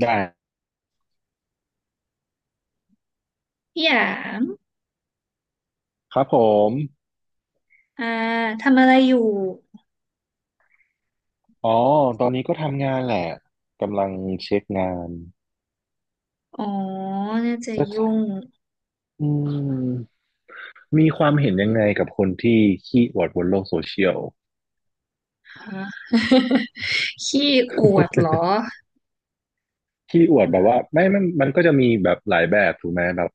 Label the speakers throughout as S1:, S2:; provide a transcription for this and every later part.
S1: ได้
S2: พี่หยาง
S1: ครับผม
S2: อ่าทำอะไรอยู่
S1: อ๋อตอนนี้ก็ทำงานแหละกำลังเช็คงาน
S2: อ๋อน่าจะยุ่ง
S1: จะอืมมีความเห็นยังไงกับคนที่ขี้อวดบนโลกโซเชียล
S2: ฮะ ขี้อวดเหรอ
S1: ขี้อวดแบบว่าไม่มันก็จะมีแบบหลายแบบถูกไหมแบบ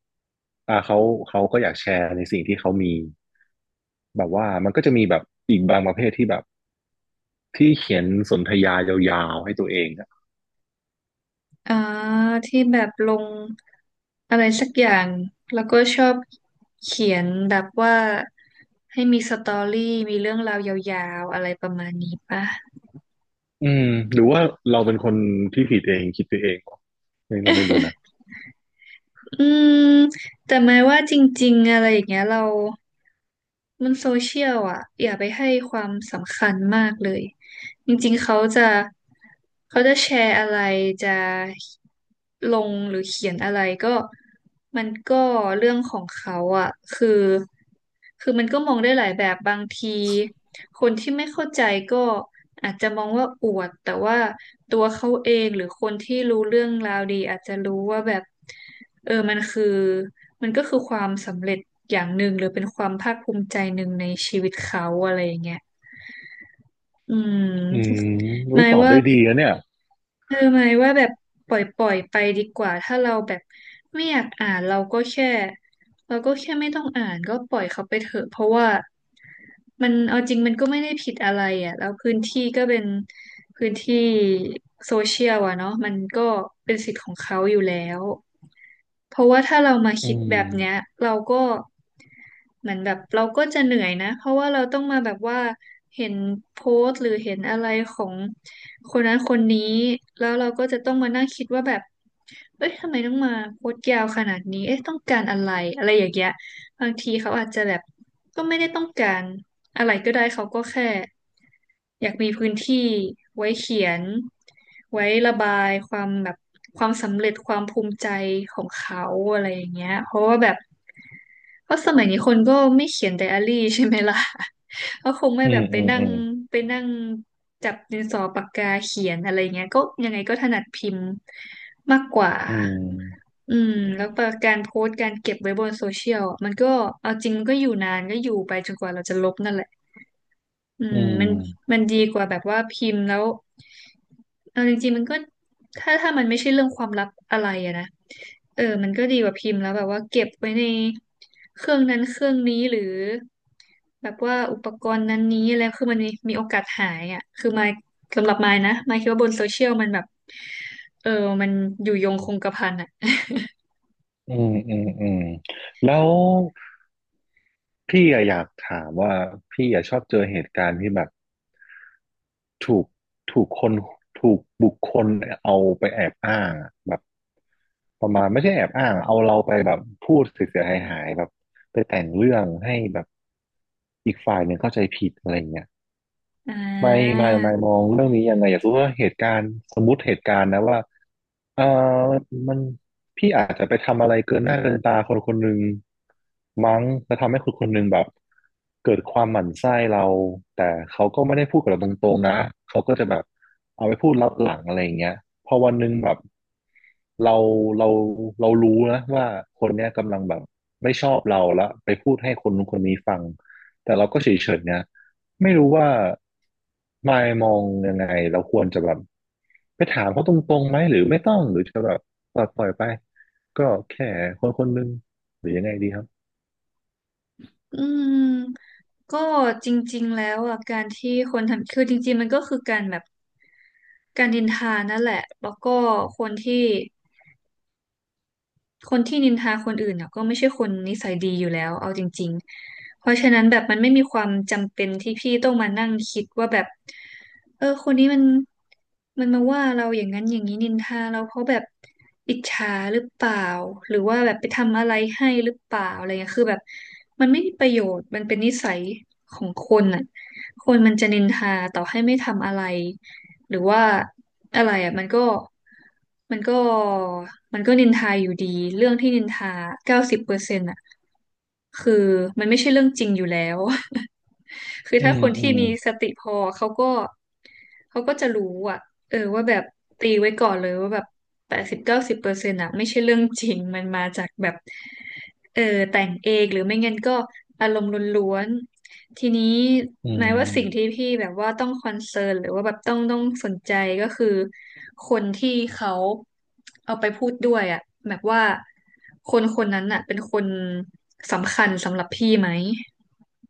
S1: เขาก็อยากแชร์ในสิ่งที่เขามีแบบว่ามันก็จะมีแบบอีกบางประเภทที่แบบที่เขียนสนทยายาวๆให้ตัวเองอะ
S2: อ่าที่แบบลงอะไรสักอย่างแล้วก็ชอบเขียนแบบว่าให้มีสตอรี่มีเรื่องราวยาวๆอะไรประมาณนี้ป่ะ
S1: อืมหรือว่าเราเป็นคนที่ผิดเองคิดไปเองวะนี่เราไม่รู้นะ
S2: อืมแต่หมายว่าจริงๆอะไรอย่างเงี้ยเรามันโซเชียลอ่ะอย่าไปให้ความสำคัญมากเลย จริงๆเขาจะแชร์อะไรจะลงหรือเขียนอะไรก็มันก็เรื่องของเขาอ่ะคือมันก็มองได้หลายแบบบางทีคนที่ไม่เข้าใจก็อาจจะมองว่าอวดแต่ว่าตัวเขาเองหรือคนที่รู้เรื่องราวดีอาจจะรู้ว่าแบบเออมันคือมันก็คือความสำเร็จอย่างหนึ่งหรือเป็นความภาคภูมิใจหนึ่งในชีวิตเขาอะไรอย่างเงี้ย อื
S1: อืม
S2: มห
S1: อุ้ย
S2: มาย
S1: ตอบ
S2: ว่า
S1: ได้ดีนะเนี่ย
S2: หมายว่าแบบปล่อยปล่อยไปดีกว่าถ้าเราแบบไม่อยากอ่านเราก็แค่ไม่ต้องอ่านก็ปล่อยเขาไปเถอะเพราะว่ามันเอาจริงมันก็ไม่ได้ผิดอะไรอ่ะแล้วพื้นที่ก็เป็นพื้นที่โซเชียลอ่ะเนาะมันก็เป็นสิทธิ์ของเขาอยู่แล้ว เพราะว่าถ้าเรามา
S1: อื
S2: คิดแบบเนี้ย
S1: ม
S2: เราก็เหมือนแบบเราก็จะเหนื่อยนะเพราะว่าเราต้องมาแบบว่าเห็นโพสต์หรือเห็นอะไรของคนนั้นคนนี้แล้วเราก็จะต้องมานั่งคิดว่าแบบเอ้ยทำไมต้องมาโพสต์ยาวขนาดนี้เอ๊ะต้องการอะไรอะไรอย่างเงี้ยบางทีเขาอาจจะแบบก็ไม่ได้ต้องการอะไรก็ได้เขาก็แค่ อยากมีพื้นที่ไว้เขียนไว้ระบายความแบบความสำเร็จความภูมิใจของเขาอะไรอย่างเงี้ยเพราะว่าแบบเพราะสมัยนี้คนก็ไม่เขียนไดอารี่ใช่ไหมล่ะ ก็คงไม่
S1: อื
S2: แบ
S1: ม
S2: บไป
S1: อืม
S2: นั่
S1: อื
S2: ง
S1: ม
S2: ไปนั่งจับดินสอปากกาเขียนอะไรเงี้ยก็ยังไงก็ถนัดพิมพ์มากกว่า
S1: อื
S2: อืมแล้วก็การโพสต์การเก็บไว้บนโซเชียลอะมันก็เอาจริงมันก็อยู่นานก็อยู่ไปจนกว่าเราจะลบนั่นแหละ อืมมัน
S1: ม
S2: มันดีกว่าแบบว่าพิมพ์แล้วเอาจริงๆมันก็ถ้ามันไม่ใช่เรื่องความลับอะไรอะนะเออมันก็ดีกว่าพิมพ์แล้วแบบว่าเก็บไว้ในเครื่องนั้นเครื่องนี้หรือแบบว่าอุปกรณ์นั้นนี้อะไรคือมันมีโอกาสหายอ่ะคือมายสำหรับมายนะมายคิดว่าบนโซเชียลมันแบบเออมันอยู่ยงคงกระพันอ่ะ
S1: อืมอืมอืมอืม แล้วพี่อะอยากถามว่าพี่อะชอบเจอเหตุการณ์ที่แบบถูกถูกคนถูกบุคคลเอาไปแอบอ้างอะแบบประมาณไม่ใช่แอบอ้างเอาเราไปแบบพูดเสียหายหายๆแบบไปแต่งเรื่องให้แบบอีกฝ่ายหนึ่งเข้าใจผิดอะไรเงี้ย
S2: อ่
S1: ไม่
S2: า
S1: ไม่มองเรื่องนี้ยังไงอยากรู้ว่าเหตุการณ์สมมุติเหตุการณ์นะว่าเออมันพี่อาจจะไปทำอะไรเกินหน้าเกินตาคนคนหนึ่งมั้งแล้วทำให้คนคนหนึ่งแบบเกิดความหมั่นไส้เราแต่เขาก็ไม่ได้พูดกับเราตรงๆนะเขาก็จะแบบเอาไปพูดลับหลังอะไรอย่างเงี้ยพอวันหนึ่งแบบเราเราเรารู้นะว่าคนเนี้ยกำลังแบบไม่ชอบเราแล้วไปพูดให้คนนู้นคนนี้ฟังแต่เราก็เฉยๆนะ ไม่รู้ว่ามายมองยังไงเราควรจะแบบไปถามเขาตรงๆไหมหรือไม่ต้องหรือจะแบบปล่อยไปก็แค่คนคนหนึงหรือยังไงดีครับ
S2: อืมก็จริงๆแล้วอ่ะการที่คนทำคือจริงๆมันก็คือการแบบ การนินทานั่นแหละ แล้วก็คนที่คนที่นินทาคนอื่นเนี่ยก็ไม่ใช่คนนิสัยดีอยู่แล้วเอาจริงๆเพราะฉะนั้นแบบมันไม่มีความจำเป็นที่พี่ต้องมานั่งคิดว่าแบบเออคนนี้มันมาว่าเราอย่างนั้นอย่างนี้นินทาเราเพราะแบบอิจฉาหรือเปล่าหรือว่าแบบไปทำอะไรให้หรือเปล่าอะไรเงี้ยคือแบบมันไม่มีประโยชน์มันเป็นนิสัยของคนอ่ะคนมันจะนินทาต่อให้ไม่ทำอะไร หรือว่าอะไรอ่ะมันก็มันก็นินทาอยู่ดีเรื่องที่นินทาเก้าสิบเปอร์เซ็นต์อ่ะคือมันไม่ใช่เรื่องจริงอยู่แล้ว คือ
S1: อื
S2: ถ้า
S1: ม
S2: คน
S1: อื
S2: ที่
S1: ม
S2: มีสติพอเขาก็จะรู้อ่ะเออว่าแบบตีไว้ก่อนเลยว่าแบบ80-90%อ่ะไม่ใช่เรื่องจริงมันมาจากแบบเออแต่งเองหรือไม่งั้นก็อารมณ์ล้วน ทีนี้
S1: อื
S2: หมา
S1: ม
S2: ยว่าสิ่งที่พี่แบบว่าต้องคอนเซิร์นหรือว่าแบบต้องสนใจก็คือคนที่เขาเอาไปพูดด้วยอ่ะแบบว่าคนคนนั้นอ่ะเป็นคนสำคัญสำหรับพี่ไหม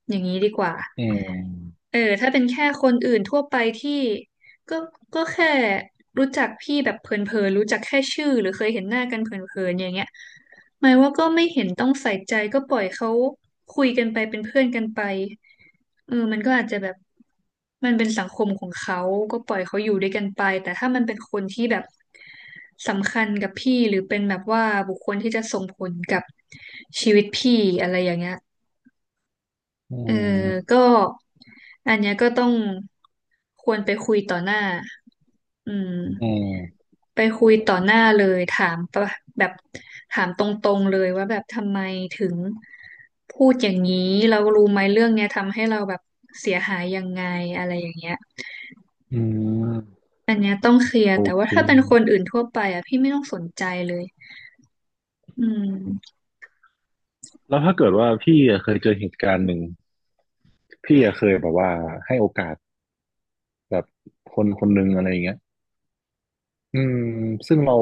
S2: อย่างนี้ดีกว่า
S1: อืม
S2: เออถ้าเป็นแค่คนอื่นทั่วไปที่ก็ก็แค่รู้จักพี่แบบเผินๆรู้จักแค่ชื่อหรือเคยเห็นหน้ากันเผินๆอย่างเงี้ยหมายว่าก็ไม่เห็นต้องใส่ใจก็ปล่อยเขาคุยกันไปเป็นเพื่อนกันไปเออมันก็อาจจะแบบมันเป็นสังคมของเขาก็ปล่อยเขาอยู่ด้วยกันไปแต่ถ้ามันเป็นคนที่แบบสำคัญกับพี่หรือเป็นแบบว่าบุคคลที่จะส่งผลกับชีวิตพี่อะไรอย่างเงี้ย
S1: อื
S2: เออ
S1: ม
S2: ก็อันเนี้ยก็ต้องควรไปคุยต่อหน้าอืม
S1: อืม
S2: ไปคุยต่อหน้าเลยถามปะแบบถามตรงๆเลยว่าแบบทำไมถึงพูดอย่างนี้เรารู้ไหมเรื่องเนี้ยทำให้เราแบบเสียหายยังไงอะไรอย่างเงี้ย
S1: อืม
S2: อันเนี้ยต้องเคลียร์
S1: โอ
S2: แต่ว่า
S1: เค
S2: ถ้าเป็นคนอื่นทั่วไปอ่ะพี่ไม่ต้องสนใจเลยอืม
S1: แล้วถ้าเกิดว่าพี่อะเคยเจอเหตุการณ์หนึ่งพี่อะเคยแบบว่าให้โอกาสแบบคนคนหนึ่งอะไรอย่างเงี้ย อืมซึ่งเรา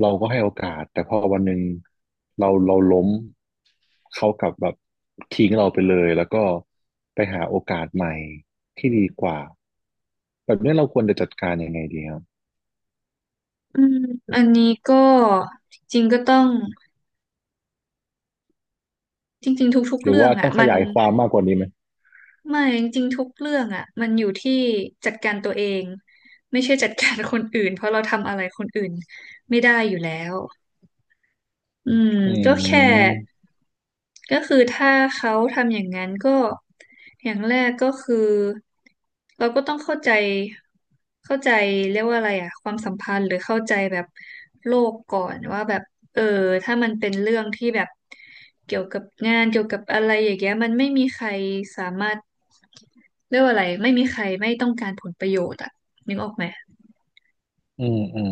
S1: เราก็ให้โอกาสแต่พอวันหนึ่งเราล้มเขากลับแบบทิ้งเราไปเลยแล้วก็ไปหาโอกาสใหม่ที่ดีกว่าแบบนี้เราควรจะจัดการยังไงดีครับ
S2: อืมอันนี้ก็จริงๆก็ต้องจริงๆทุกๆ
S1: หรือ
S2: เรื่อ
S1: ว่า
S2: ง
S1: ต้
S2: อ่ะ
S1: องข
S2: มัน
S1: ยายความมากกว่านี้ไหม
S2: ไม่จริงๆทุกเรื่องอ่ะมันอยู่ที่จัดการตัวเองไม่ใช่จัดการคนอื่นเพราะเราทำอะไรคนอื่นไม่ได้อยู่แล้ว อืม
S1: อื
S2: ก็แค่
S1: ม
S2: ก็คือถ้าเขาทำอย่างนั้นก็อย่างแรกก็คือเราก็ต้องเข้าใจเรียกว่าอะไรอะความสัมพันธ์หรือเข้าใจแบบโลกก่อนว่าแบบเออถ้ามันเป็นเรื่องที่แบบเกี่ยวกับงานเกี่ยวกับอะไรอย่างเงี้ยมันไม่มีใครสามารถเรียกว่าอะไรไม่มีใครไม่ต้องการผลประโยชน์อะนึกออกไหม
S1: อืมอืม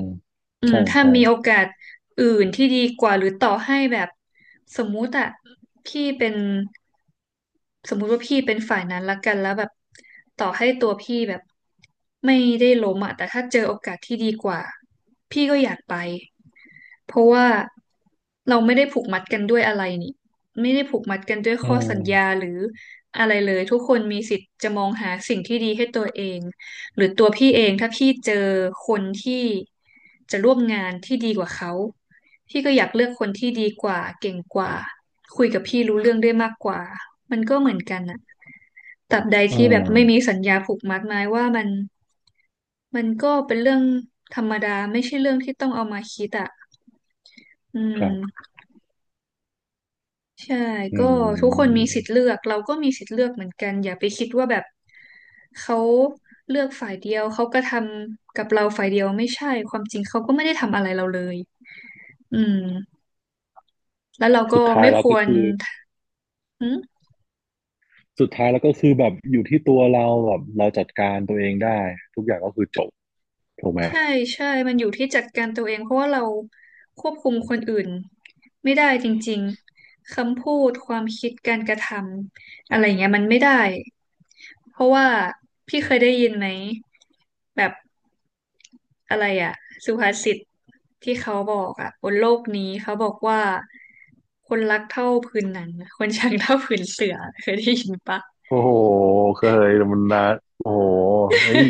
S2: อืม
S1: ใช่
S2: ถ้า
S1: ใช่
S2: มีโอกาสอื่นที่ดีกว่าหรือต่อให้แบบสมมุติอะพี่เป็นสมมุติว่าพี่เป็นฝ่ายนั้นละกันแล้วแบบต่อให้ตัวพี่แบบไม่ได้ล้มอะแต่ถ้าเจอโอกาสที่ดีกว่าพี่ก็อยากไป เพราะว่าเราไม่ได้ผูกมัดกันด้วยอะไรนี่ไม่ได้ผูกมัดกันด้วย
S1: อื
S2: ข้อสัญญา
S1: ม
S2: หรืออะไรเลยทุกคนมีสิทธิ์จะมองหาสิ่งที่ดีให้ตัวเองหรือตัวพี่เองถ้าพี่เจอคนที่จะร่วมงานที่ดีกว่าเขาพี่ก็อยากเลือกคนที่ดีกว่าเก่งกว่าคุยกับพี่รู้เรื่องได้มากกว่ามันก็เหมือนกันอะตราบใด
S1: อื
S2: ที่แบบไม่มี
S1: ม
S2: สัญญาผูกมัดหมายว่ามันมันก็เป็นเรื่องธรรมดาไม่ใช่เรื่องที่ต้องเอามาคิดอะอื
S1: ครับ
S2: ม ใช่
S1: อื
S2: ก็ทุกคน
S1: ม
S2: มีสิทธิ์เลือกเราก็มีสิทธิ์เลือกเหมือนกันอย่าไปคิดว่าแบบเขาเลือกฝ่ายเดียวเขาก็ทำกับเราฝ่ายเดียวไม่ใช่ความจริงเขาก็ไม่ได้ทำอะไรเราเลยอืมแล้วเราก็
S1: สุดท้าย
S2: ไม่
S1: แล้ว
S2: ค
S1: ก็
S2: วร
S1: คือสุดท้ายแล้วก็คือแบบอยู่ที่ตัวเราแบบเราจัดการตัวเองได้ทุกอย่างก็คือจบถูกไหม
S2: ใช่ใช่มันอยู่ที่จัดการตัวเองเพราะว่าเราควบคุมคนอื่นไม่ได้จริงๆคำพูดความคิดการกระทำอะไรเงี้ยมันไม่ได้เพราะว่าพี่เคยได้ยินไหมแบบอะไรอะสุภาษิตที่เขาบอกอะบนโลกนี้เขาบอกว่าคนรักเท่าผืนหนังคนชังเท่าผืนเสือเคยได้ยินปะ
S1: โอ้โห เคยแต่มันนะโอ้โหเฮ้ย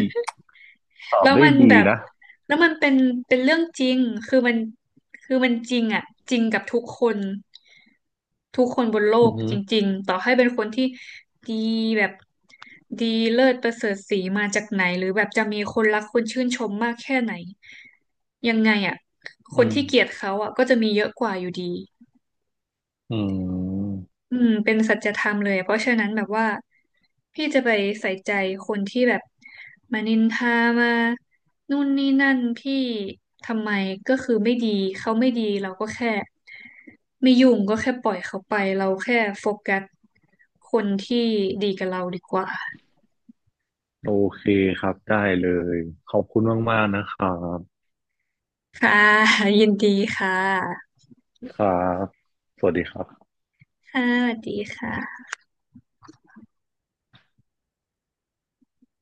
S1: ตอบ
S2: แล้ว
S1: ได้
S2: มัน
S1: ดี
S2: แบบ
S1: นะ
S2: แล้วมันเป็นเรื่องจริงคือมันคือมันจริงอ่ะจริงกับทุกคนทุกคนบนโล
S1: อื
S2: ก
S1: อหื
S2: จ
S1: อ
S2: ริงๆต่อให้เป็นคนที่ดีแบบดีเลิศประเสริฐศรีมาจากไหนหรือแบบจะมีคนรักคนชื่นชมมากแค่ไหนยังไงอ่ะค
S1: อื
S2: นที่เกลียด
S1: ม
S2: เขาอ่ะก็จะมีเยอะกว่าอยู่ดี
S1: อืม
S2: อืมเป็นสัจธรรมเลยเพราะฉะนั้นแบบว่าพี่จะไปใส่ใจคนที่แบบมานินทามานู่นนี่นั่นพี่ทำไมก็คือไม่ดีเขาไม่ดีเราก็แค่ไม่ยุ่งก็แค่ปล่อยเขาไปเราแค่โฟกัสคนที่ดีกับเราดีกว่า
S1: โอเคครับ ได้เลย ขอบคุณมากๆนะครับ
S2: ค่ะ ยินดีค่ะ
S1: ครับสวัสดีครับ
S2: ค่ะสวัสดีค่ะ